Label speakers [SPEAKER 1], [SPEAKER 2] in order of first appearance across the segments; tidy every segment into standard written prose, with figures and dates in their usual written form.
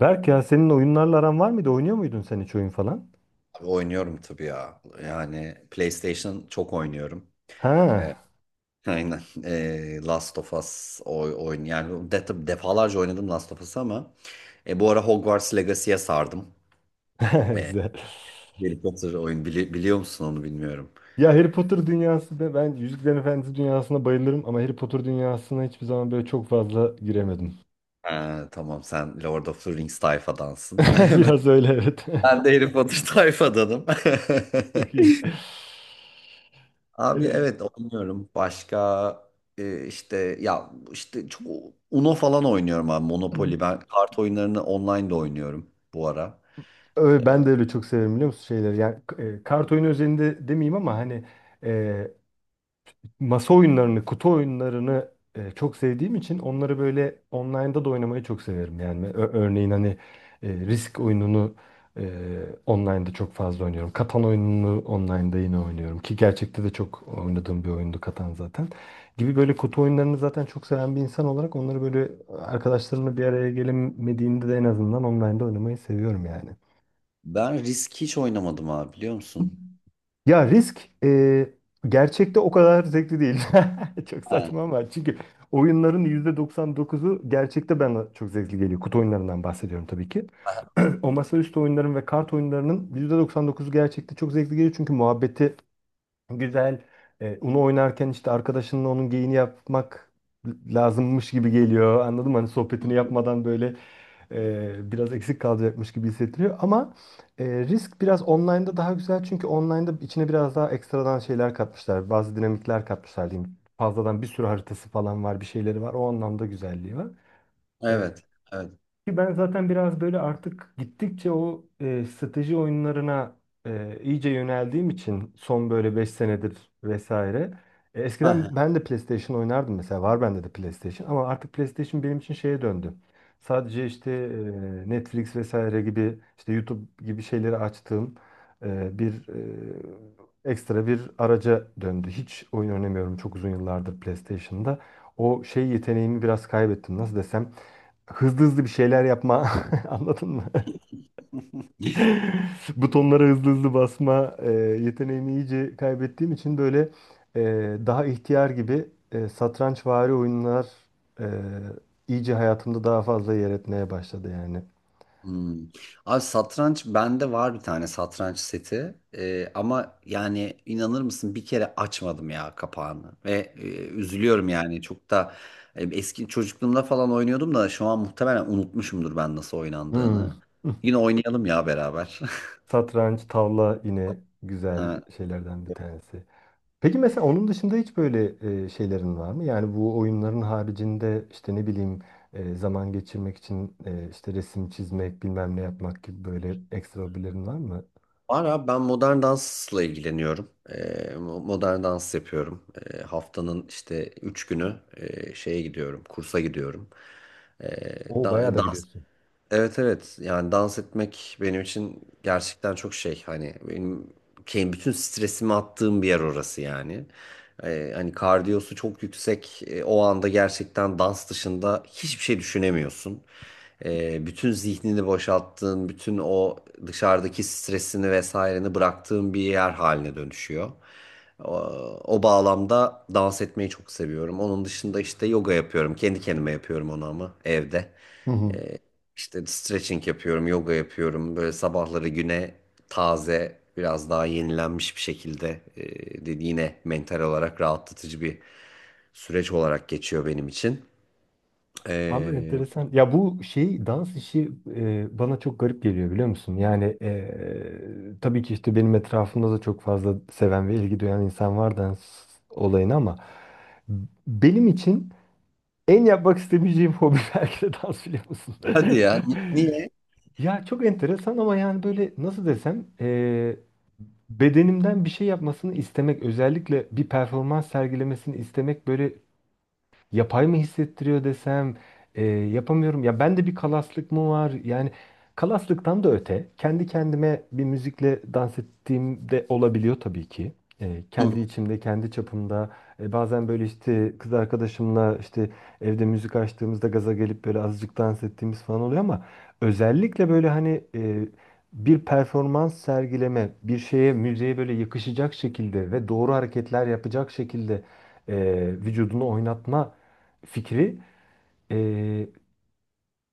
[SPEAKER 1] Berk ya senin oyunlarla aran var mıydı? Oynuyor muydun sen hiç oyun falan?
[SPEAKER 2] Abi oynuyorum tabii ya. Yani PlayStation çok oynuyorum.
[SPEAKER 1] Ha.
[SPEAKER 2] Aynen. Last of Us oyun yani defalarca oynadım Last of Us'ı ama bu ara Hogwarts Legacy'ye sardım. Ee,
[SPEAKER 1] Güzel.
[SPEAKER 2] Harry Potter oyun biliyor musun onu bilmiyorum.
[SPEAKER 1] Ya Harry Potter dünyası da ben Yüzüklerin Efendisi dünyasına bayılırım ama Harry Potter dünyasına hiçbir zaman böyle çok fazla giremedim.
[SPEAKER 2] Tamam, sen Lord of the Rings tayfadansın.
[SPEAKER 1] Biraz öyle, evet.
[SPEAKER 2] Ben de Harry Potter tayfadanım.
[SPEAKER 1] Çok iyi.
[SPEAKER 2] Abi,
[SPEAKER 1] Evet.
[SPEAKER 2] evet, oynuyorum. Başka işte çok Uno falan oynuyorum abi, Monopoly. Ben kart oyunlarını online de oynuyorum bu ara.
[SPEAKER 1] Öyle, ben
[SPEAKER 2] E,
[SPEAKER 1] de öyle çok severim biliyor musun şeyleri. Yani kart oyunu özelinde demeyeyim ama hani e, masa oyunlarını, kutu oyunlarını çok sevdiğim için onları böyle online'da da oynamayı çok severim. Yani örneğin hani Risk oyununu e, online'da çok fazla oynuyorum. Katan oyununu online'da yine oynuyorum ki gerçekte de çok oynadığım bir oyundu Katan zaten. Gibi böyle kutu oyunlarını zaten çok seven bir insan olarak onları böyle arkadaşlarımla bir araya gelemediğimde de en azından online'da oynamayı seviyorum yani.
[SPEAKER 2] Ben Risk hiç oynamadım abi, biliyor musun?
[SPEAKER 1] Ya risk gerçekte o kadar zevkli değil. Çok
[SPEAKER 2] Ha,
[SPEAKER 1] saçma, ama çünkü oyunların %99'u gerçekte bana çok zevkli geliyor. Kutu oyunlarından bahsediyorum tabii ki.
[SPEAKER 2] ha.
[SPEAKER 1] O masaüstü oyunların ve kart oyunlarının %99'u gerçekte çok zevkli geliyor. Çünkü muhabbeti. Güzel. Uno oynarken işte arkadaşınla onun geyini yapmak lazımmış gibi geliyor. Anladın mı? Hani sohbetini yapmadan böyle biraz eksik kalacakmış gibi hissettiriyor. Ama risk biraz online'da daha güzel. Çünkü online'da içine biraz daha ekstradan şeyler katmışlar. Bazı dinamikler katmışlar diyeyim. Fazladan bir sürü haritası falan var, bir şeyleri var. O anlamda güzelliği var. E,
[SPEAKER 2] Evet. Evet.
[SPEAKER 1] Ki ben zaten biraz böyle artık gittikçe o strateji oyunlarına iyice yöneldiğim için son böyle 5 senedir vesaire.
[SPEAKER 2] Ha,
[SPEAKER 1] Eskiden
[SPEAKER 2] ha.
[SPEAKER 1] ben de PlayStation oynardım, mesela var bende de PlayStation ama artık PlayStation benim için şeye döndü. Sadece işte Netflix vesaire gibi işte YouTube gibi şeyleri açtığım bir ekstra bir araca döndü. Hiç oyun oynamıyorum çok uzun yıllardır PlayStation'da. O şey yeteneğimi biraz kaybettim, nasıl desem, hızlı hızlı bir şeyler yapma. Anladın mı? Butonlara hızlı hızlı basma yeteneğimi iyice kaybettiğim için böyle e, daha ihtiyar gibi satrançvari oyunlar e, iyice hayatımda daha fazla yer etmeye başladı yani.
[SPEAKER 2] Hmm. Abi, satranç bende var, bir tane satranç seti. Ama yani inanır mısın, bir kere açmadım ya kapağını ve üzülüyorum yani, çok da eski çocukluğumda falan oynuyordum da şu an muhtemelen unutmuşumdur ben nasıl
[SPEAKER 1] Hmm.
[SPEAKER 2] oynandığını. Yine oynayalım ya beraber.
[SPEAKER 1] Satranç, tavla yine güzel
[SPEAKER 2] Ha.
[SPEAKER 1] şeylerden bir tanesi. Peki mesela onun dışında hiç böyle şeylerin var mı? Yani bu oyunların haricinde işte ne bileyim zaman geçirmek için işte resim çizmek, bilmem ne yapmak gibi böyle ekstra hobilerin var mı?
[SPEAKER 2] Var abi, ben modern dansla ilgileniyorum. Modern dans yapıyorum. Haftanın işte 3 günü şeye gidiyorum, kursa gidiyorum. Ee,
[SPEAKER 1] O
[SPEAKER 2] da-
[SPEAKER 1] bayağı da gidiyorsun.
[SPEAKER 2] Evet, evet, yani dans etmek benim için gerçekten çok şey, hani benim bütün stresimi attığım bir yer orası yani. Hani kardiyosu çok yüksek. O anda gerçekten dans dışında hiçbir şey düşünemiyorsun. Bütün zihnini boşalttığın, bütün o dışarıdaki stresini vesaireni bıraktığın bir yer haline dönüşüyor. O, o bağlamda dans etmeyi çok seviyorum. Onun dışında işte yoga yapıyorum, kendi kendime yapıyorum onu ama evde.
[SPEAKER 1] Hı hı.
[SPEAKER 2] Ee, işte stretching yapıyorum, yoga yapıyorum. Böyle sabahları güne taze, biraz daha yenilenmiş bir şekilde dedi, yine mental olarak rahatlatıcı bir süreç olarak geçiyor benim için.
[SPEAKER 1] Abi
[SPEAKER 2] Ee,
[SPEAKER 1] enteresan. Ya bu şey, dans işi bana çok garip geliyor biliyor musun? Yani tabii ki işte benim etrafımda da çok fazla seven ve ilgi duyan insan var dans olayına, ama benim için en yapmak istemeyeceğim hobi belki de dans, biliyor musun?
[SPEAKER 2] Hadi ya, niye?
[SPEAKER 1] Ya çok enteresan, ama yani böyle nasıl desem bedenimden bir şey yapmasını istemek, özellikle bir performans sergilemesini istemek, böyle yapay mı hissettiriyor desem, yapamıyorum. Ya bende bir kalaslık mı var? Yani kalaslıktan da öte, kendi kendime bir müzikle dans ettiğim de olabiliyor tabii ki. Kendi içimde, kendi çapımda. Bazen böyle işte kız arkadaşımla işte evde müzik açtığımızda gaza gelip böyle azıcık dans ettiğimiz falan oluyor, ama özellikle böyle hani bir performans sergileme, bir şeye, müziğe böyle yakışacak şekilde ve doğru hareketler yapacak şekilde e, vücudunu oynatma fikri e,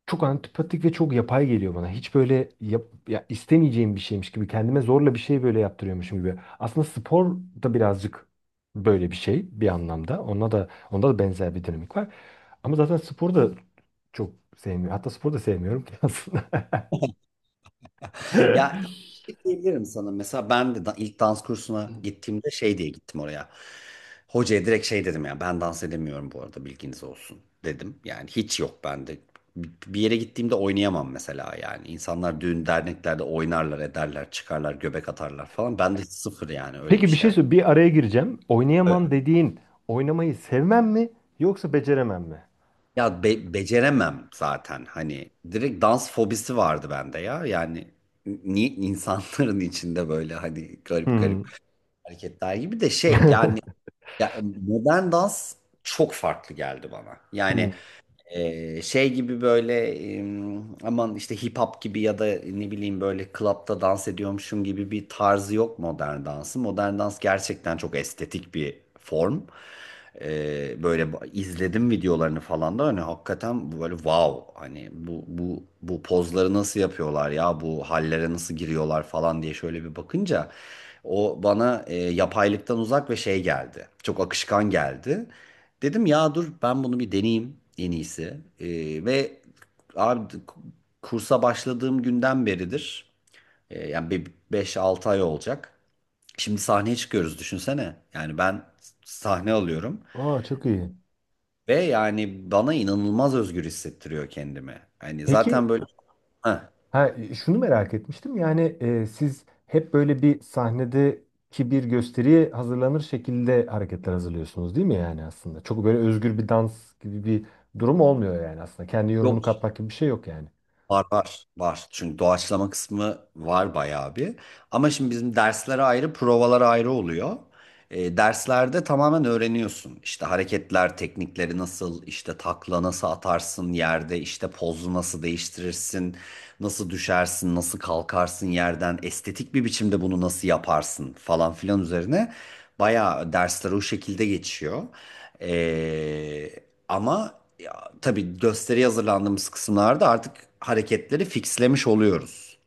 [SPEAKER 1] çok antipatik ve çok yapay geliyor bana. Hiç böyle ya istemeyeceğim bir şeymiş gibi, kendime zorla bir şey böyle yaptırıyormuşum gibi. Aslında spor da birazcık böyle bir şey bir anlamda. Onda da benzer bir dinamik var. Ama zaten spor da çok sevmiyorum. Hatta spor da sevmiyorum ki aslında.
[SPEAKER 2] Ya, şey diyebilirim sana, mesela ben de ilk dans kursuna gittiğimde şey diye gittim oraya. Hocaya direkt şey dedim ya, ben dans edemiyorum bu arada, bilginiz olsun dedim. Yani hiç yok bende. Bir yere gittiğimde oynayamam mesela yani. İnsanlar düğün derneklerde oynarlar ederler, çıkarlar göbek atarlar falan. Ben de sıfır yani, öyle bir
[SPEAKER 1] Peki bir
[SPEAKER 2] şey.
[SPEAKER 1] şey söyle, bir araya gireceğim.
[SPEAKER 2] Evet.
[SPEAKER 1] Oynayamam dediğin oynamayı sevmem mi yoksa beceremem mi?
[SPEAKER 2] Ya beceremem zaten, hani direkt dans fobisi vardı bende ya yani insanların içinde böyle hani garip
[SPEAKER 1] Hmm.
[SPEAKER 2] garip hareketler gibi de şey yani. Ya, modern dans çok farklı geldi bana. Yani
[SPEAKER 1] Hmm.
[SPEAKER 2] şey gibi böyle, aman işte hip hop gibi ya da ne bileyim böyle klapta dans ediyormuşum gibi bir tarzı yok modern dansı. Modern dans gerçekten çok estetik bir form. Böyle izledim videolarını falan da hani hakikaten böyle wow, hani bu pozları nasıl yapıyorlar ya, bu hallere nasıl giriyorlar falan diye şöyle bir bakınca o bana yapaylıktan uzak ve şey geldi. Çok akışkan geldi. Dedim ya dur, ben bunu bir deneyeyim en iyisi. Ve abi kursa başladığım günden beridir. Yani bir 5-6 ay olacak. Şimdi sahneye çıkıyoruz, düşünsene. Yani ben sahne alıyorum
[SPEAKER 1] Aa, çok iyi.
[SPEAKER 2] ve yani bana inanılmaz özgür hissettiriyor kendimi. Hani zaten
[SPEAKER 1] Peki.
[SPEAKER 2] böyle. Heh,
[SPEAKER 1] Ha, şunu merak etmiştim yani, siz hep böyle bir sahnedeki bir gösteriye hazırlanır şekilde hareketler hazırlıyorsunuz değil mi yani aslında? Çok böyle özgür bir dans gibi bir durum olmuyor yani aslında. Kendi yorumunu
[SPEAKER 2] yok.
[SPEAKER 1] katmak gibi bir şey yok yani.
[SPEAKER 2] Var, var, var. Çünkü doğaçlama kısmı var bayağı bir. Ama şimdi bizim dersler ayrı, provalar ayrı oluyor. Derslerde tamamen öğreniyorsun. İşte hareketler, teknikleri nasıl, işte takla nasıl atarsın yerde, işte pozu nasıl değiştirirsin, nasıl düşersin, nasıl kalkarsın yerden, estetik bir biçimde bunu nasıl yaparsın falan filan üzerine bayağı dersler o şekilde geçiyor. Ee, Ama ya, tabii gösteriye hazırlandığımız kısımlarda artık hareketleri fixlemiş oluyoruz.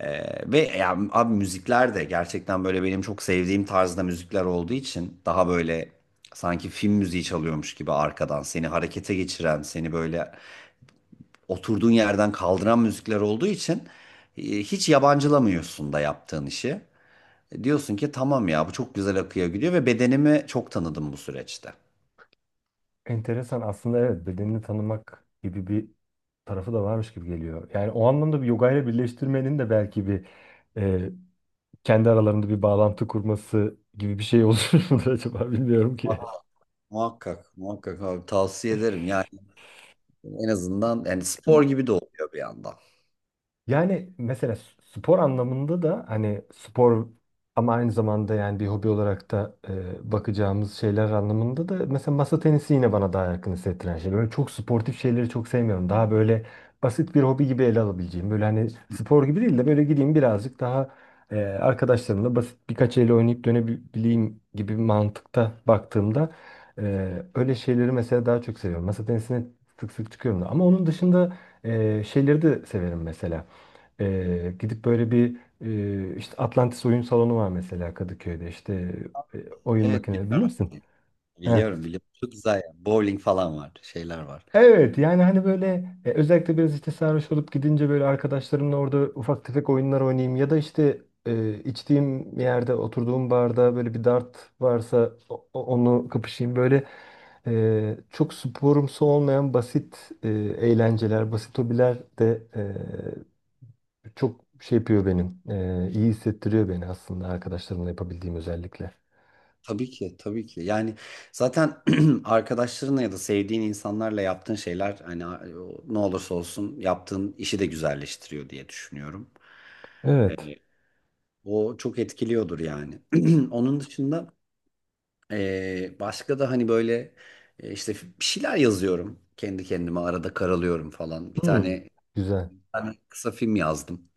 [SPEAKER 2] Ve ya, abi müzikler de gerçekten böyle benim çok sevdiğim tarzda müzikler olduğu için, daha böyle sanki film müziği çalıyormuş gibi arkadan seni harekete geçiren, seni böyle oturduğun yerden kaldıran müzikler olduğu için hiç yabancılamıyorsun da yaptığın işi. Diyorsun ki tamam ya, bu çok güzel akıyor gidiyor ve bedenimi çok tanıdım bu süreçte.
[SPEAKER 1] Enteresan aslında, evet, bedenini tanımak gibi bir tarafı da varmış gibi geliyor. Yani o anlamda bir yoga ile birleştirmenin de belki bir e, kendi aralarında bir bağlantı kurması gibi bir şey olur mudur acaba, bilmiyorum ki.
[SPEAKER 2] Muhakkak, muhakkak abi, tavsiye ederim. Yani en azından yani spor gibi de oluyor bir yandan.
[SPEAKER 1] Yani mesela spor anlamında da hani spor, ama aynı zamanda yani bir hobi olarak da bakacağımız şeyler anlamında da mesela masa tenisi yine bana daha yakın hissettiren şey. Böyle çok sportif şeyleri çok sevmiyorum. Daha böyle basit bir hobi gibi ele alabileceğim. Böyle hani spor gibi değil de böyle gideyim birazcık daha arkadaşlarımla basit birkaç el oynayıp dönebileyim gibi bir mantıkta baktığımda öyle şeyleri mesela daha çok seviyorum. Masa tenisine sık sık çıkıyorum da. Ama onun dışında şeyleri de severim mesela. Gidip böyle bir işte Atlantis Oyun Salonu var mesela Kadıköy'de, işte e, oyun
[SPEAKER 2] Evet,
[SPEAKER 1] makineleri bilir
[SPEAKER 2] biliyorum,
[SPEAKER 1] misin? Heh.
[SPEAKER 2] biliyorum, biliyorum. Çok güzel yani. Bowling falan var, şeyler var.
[SPEAKER 1] Evet yani hani böyle özellikle biraz işte sarhoş olup gidince böyle arkadaşlarımla orada ufak tefek oyunlar oynayayım, ya da işte içtiğim yerde, oturduğum barda böyle bir dart varsa onu kapışayım, böyle çok sporumsu olmayan basit eğlenceler, basit hobiler de çok şey yapıyor benim. İyi hissettiriyor beni aslında, arkadaşlarımla yapabildiğim özellikle.
[SPEAKER 2] Tabii ki, tabii ki. Yani zaten arkadaşlarınla ya da sevdiğin insanlarla yaptığın şeyler, hani ne olursa olsun yaptığın işi de güzelleştiriyor diye düşünüyorum.
[SPEAKER 1] Evet.
[SPEAKER 2] Yani o çok etkiliyordur yani. Onun dışında başka da hani böyle işte bir şeyler yazıyorum. Kendi kendime arada karalıyorum falan. Bir
[SPEAKER 1] Hmm.
[SPEAKER 2] tane
[SPEAKER 1] Güzel.
[SPEAKER 2] tane kısa film yazdım.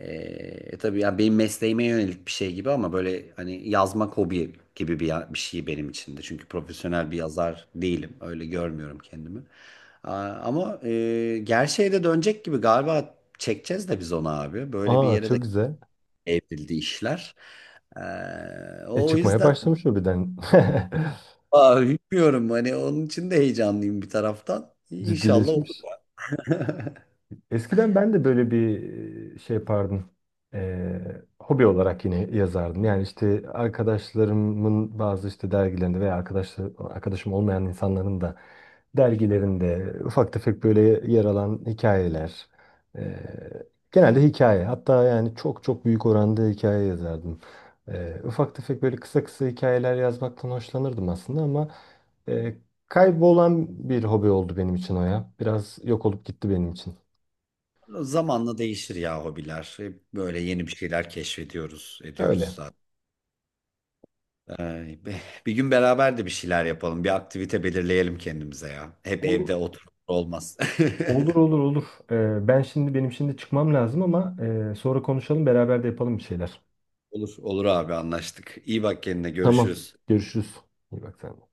[SPEAKER 2] Tabii ya, benim mesleğime yönelik bir şey gibi ama böyle hani yazmak hobi gibi bir, bir şey benim için de. Çünkü profesyonel bir yazar değilim. Öyle görmüyorum kendimi. Aa, ama gerçeğe de dönecek gibi galiba, çekeceğiz de biz onu abi. Böyle bir
[SPEAKER 1] Aa,
[SPEAKER 2] yere de
[SPEAKER 1] çok güzel.
[SPEAKER 2] evrildi işler.
[SPEAKER 1] E,
[SPEAKER 2] O
[SPEAKER 1] çıkmaya
[SPEAKER 2] yüzden
[SPEAKER 1] başlamış o birden.
[SPEAKER 2] aa, bilmiyorum, hani onun için de heyecanlıyım bir taraftan. İnşallah olur.
[SPEAKER 1] Ciddileşmiş. Eskiden ben de böyle bir şey yapardım. Hobi olarak yine yazardım. Yani işte arkadaşlarımın bazı işte dergilerinde veya arkadaşım olmayan insanların da dergilerinde ufak tefek böyle yer alan hikayeler. Ee, Genelde hikaye. Hatta yani çok çok büyük oranda hikaye yazardım. Ufak tefek böyle kısa kısa hikayeler yazmaktan hoşlanırdım aslında, ama e, kaybolan bir hobi oldu benim için o ya. Biraz yok olup gitti benim için.
[SPEAKER 2] Zamanla değişir ya hobiler. Hep böyle yeni bir şeyler keşfediyoruz, ediyoruz
[SPEAKER 1] Öyle.
[SPEAKER 2] zaten. Bir gün beraber de bir şeyler yapalım. Bir aktivite belirleyelim kendimize ya. Hep
[SPEAKER 1] Olur,
[SPEAKER 2] evde otur olmaz.
[SPEAKER 1] olur, olur, olur. Benim şimdi çıkmam lazım, ama sonra konuşalım, beraber de yapalım bir şeyler.
[SPEAKER 2] Olur, olur abi, anlaştık. İyi bak kendine,
[SPEAKER 1] Tamam.
[SPEAKER 2] görüşürüz.
[SPEAKER 1] Görüşürüz. İyi bak sen de.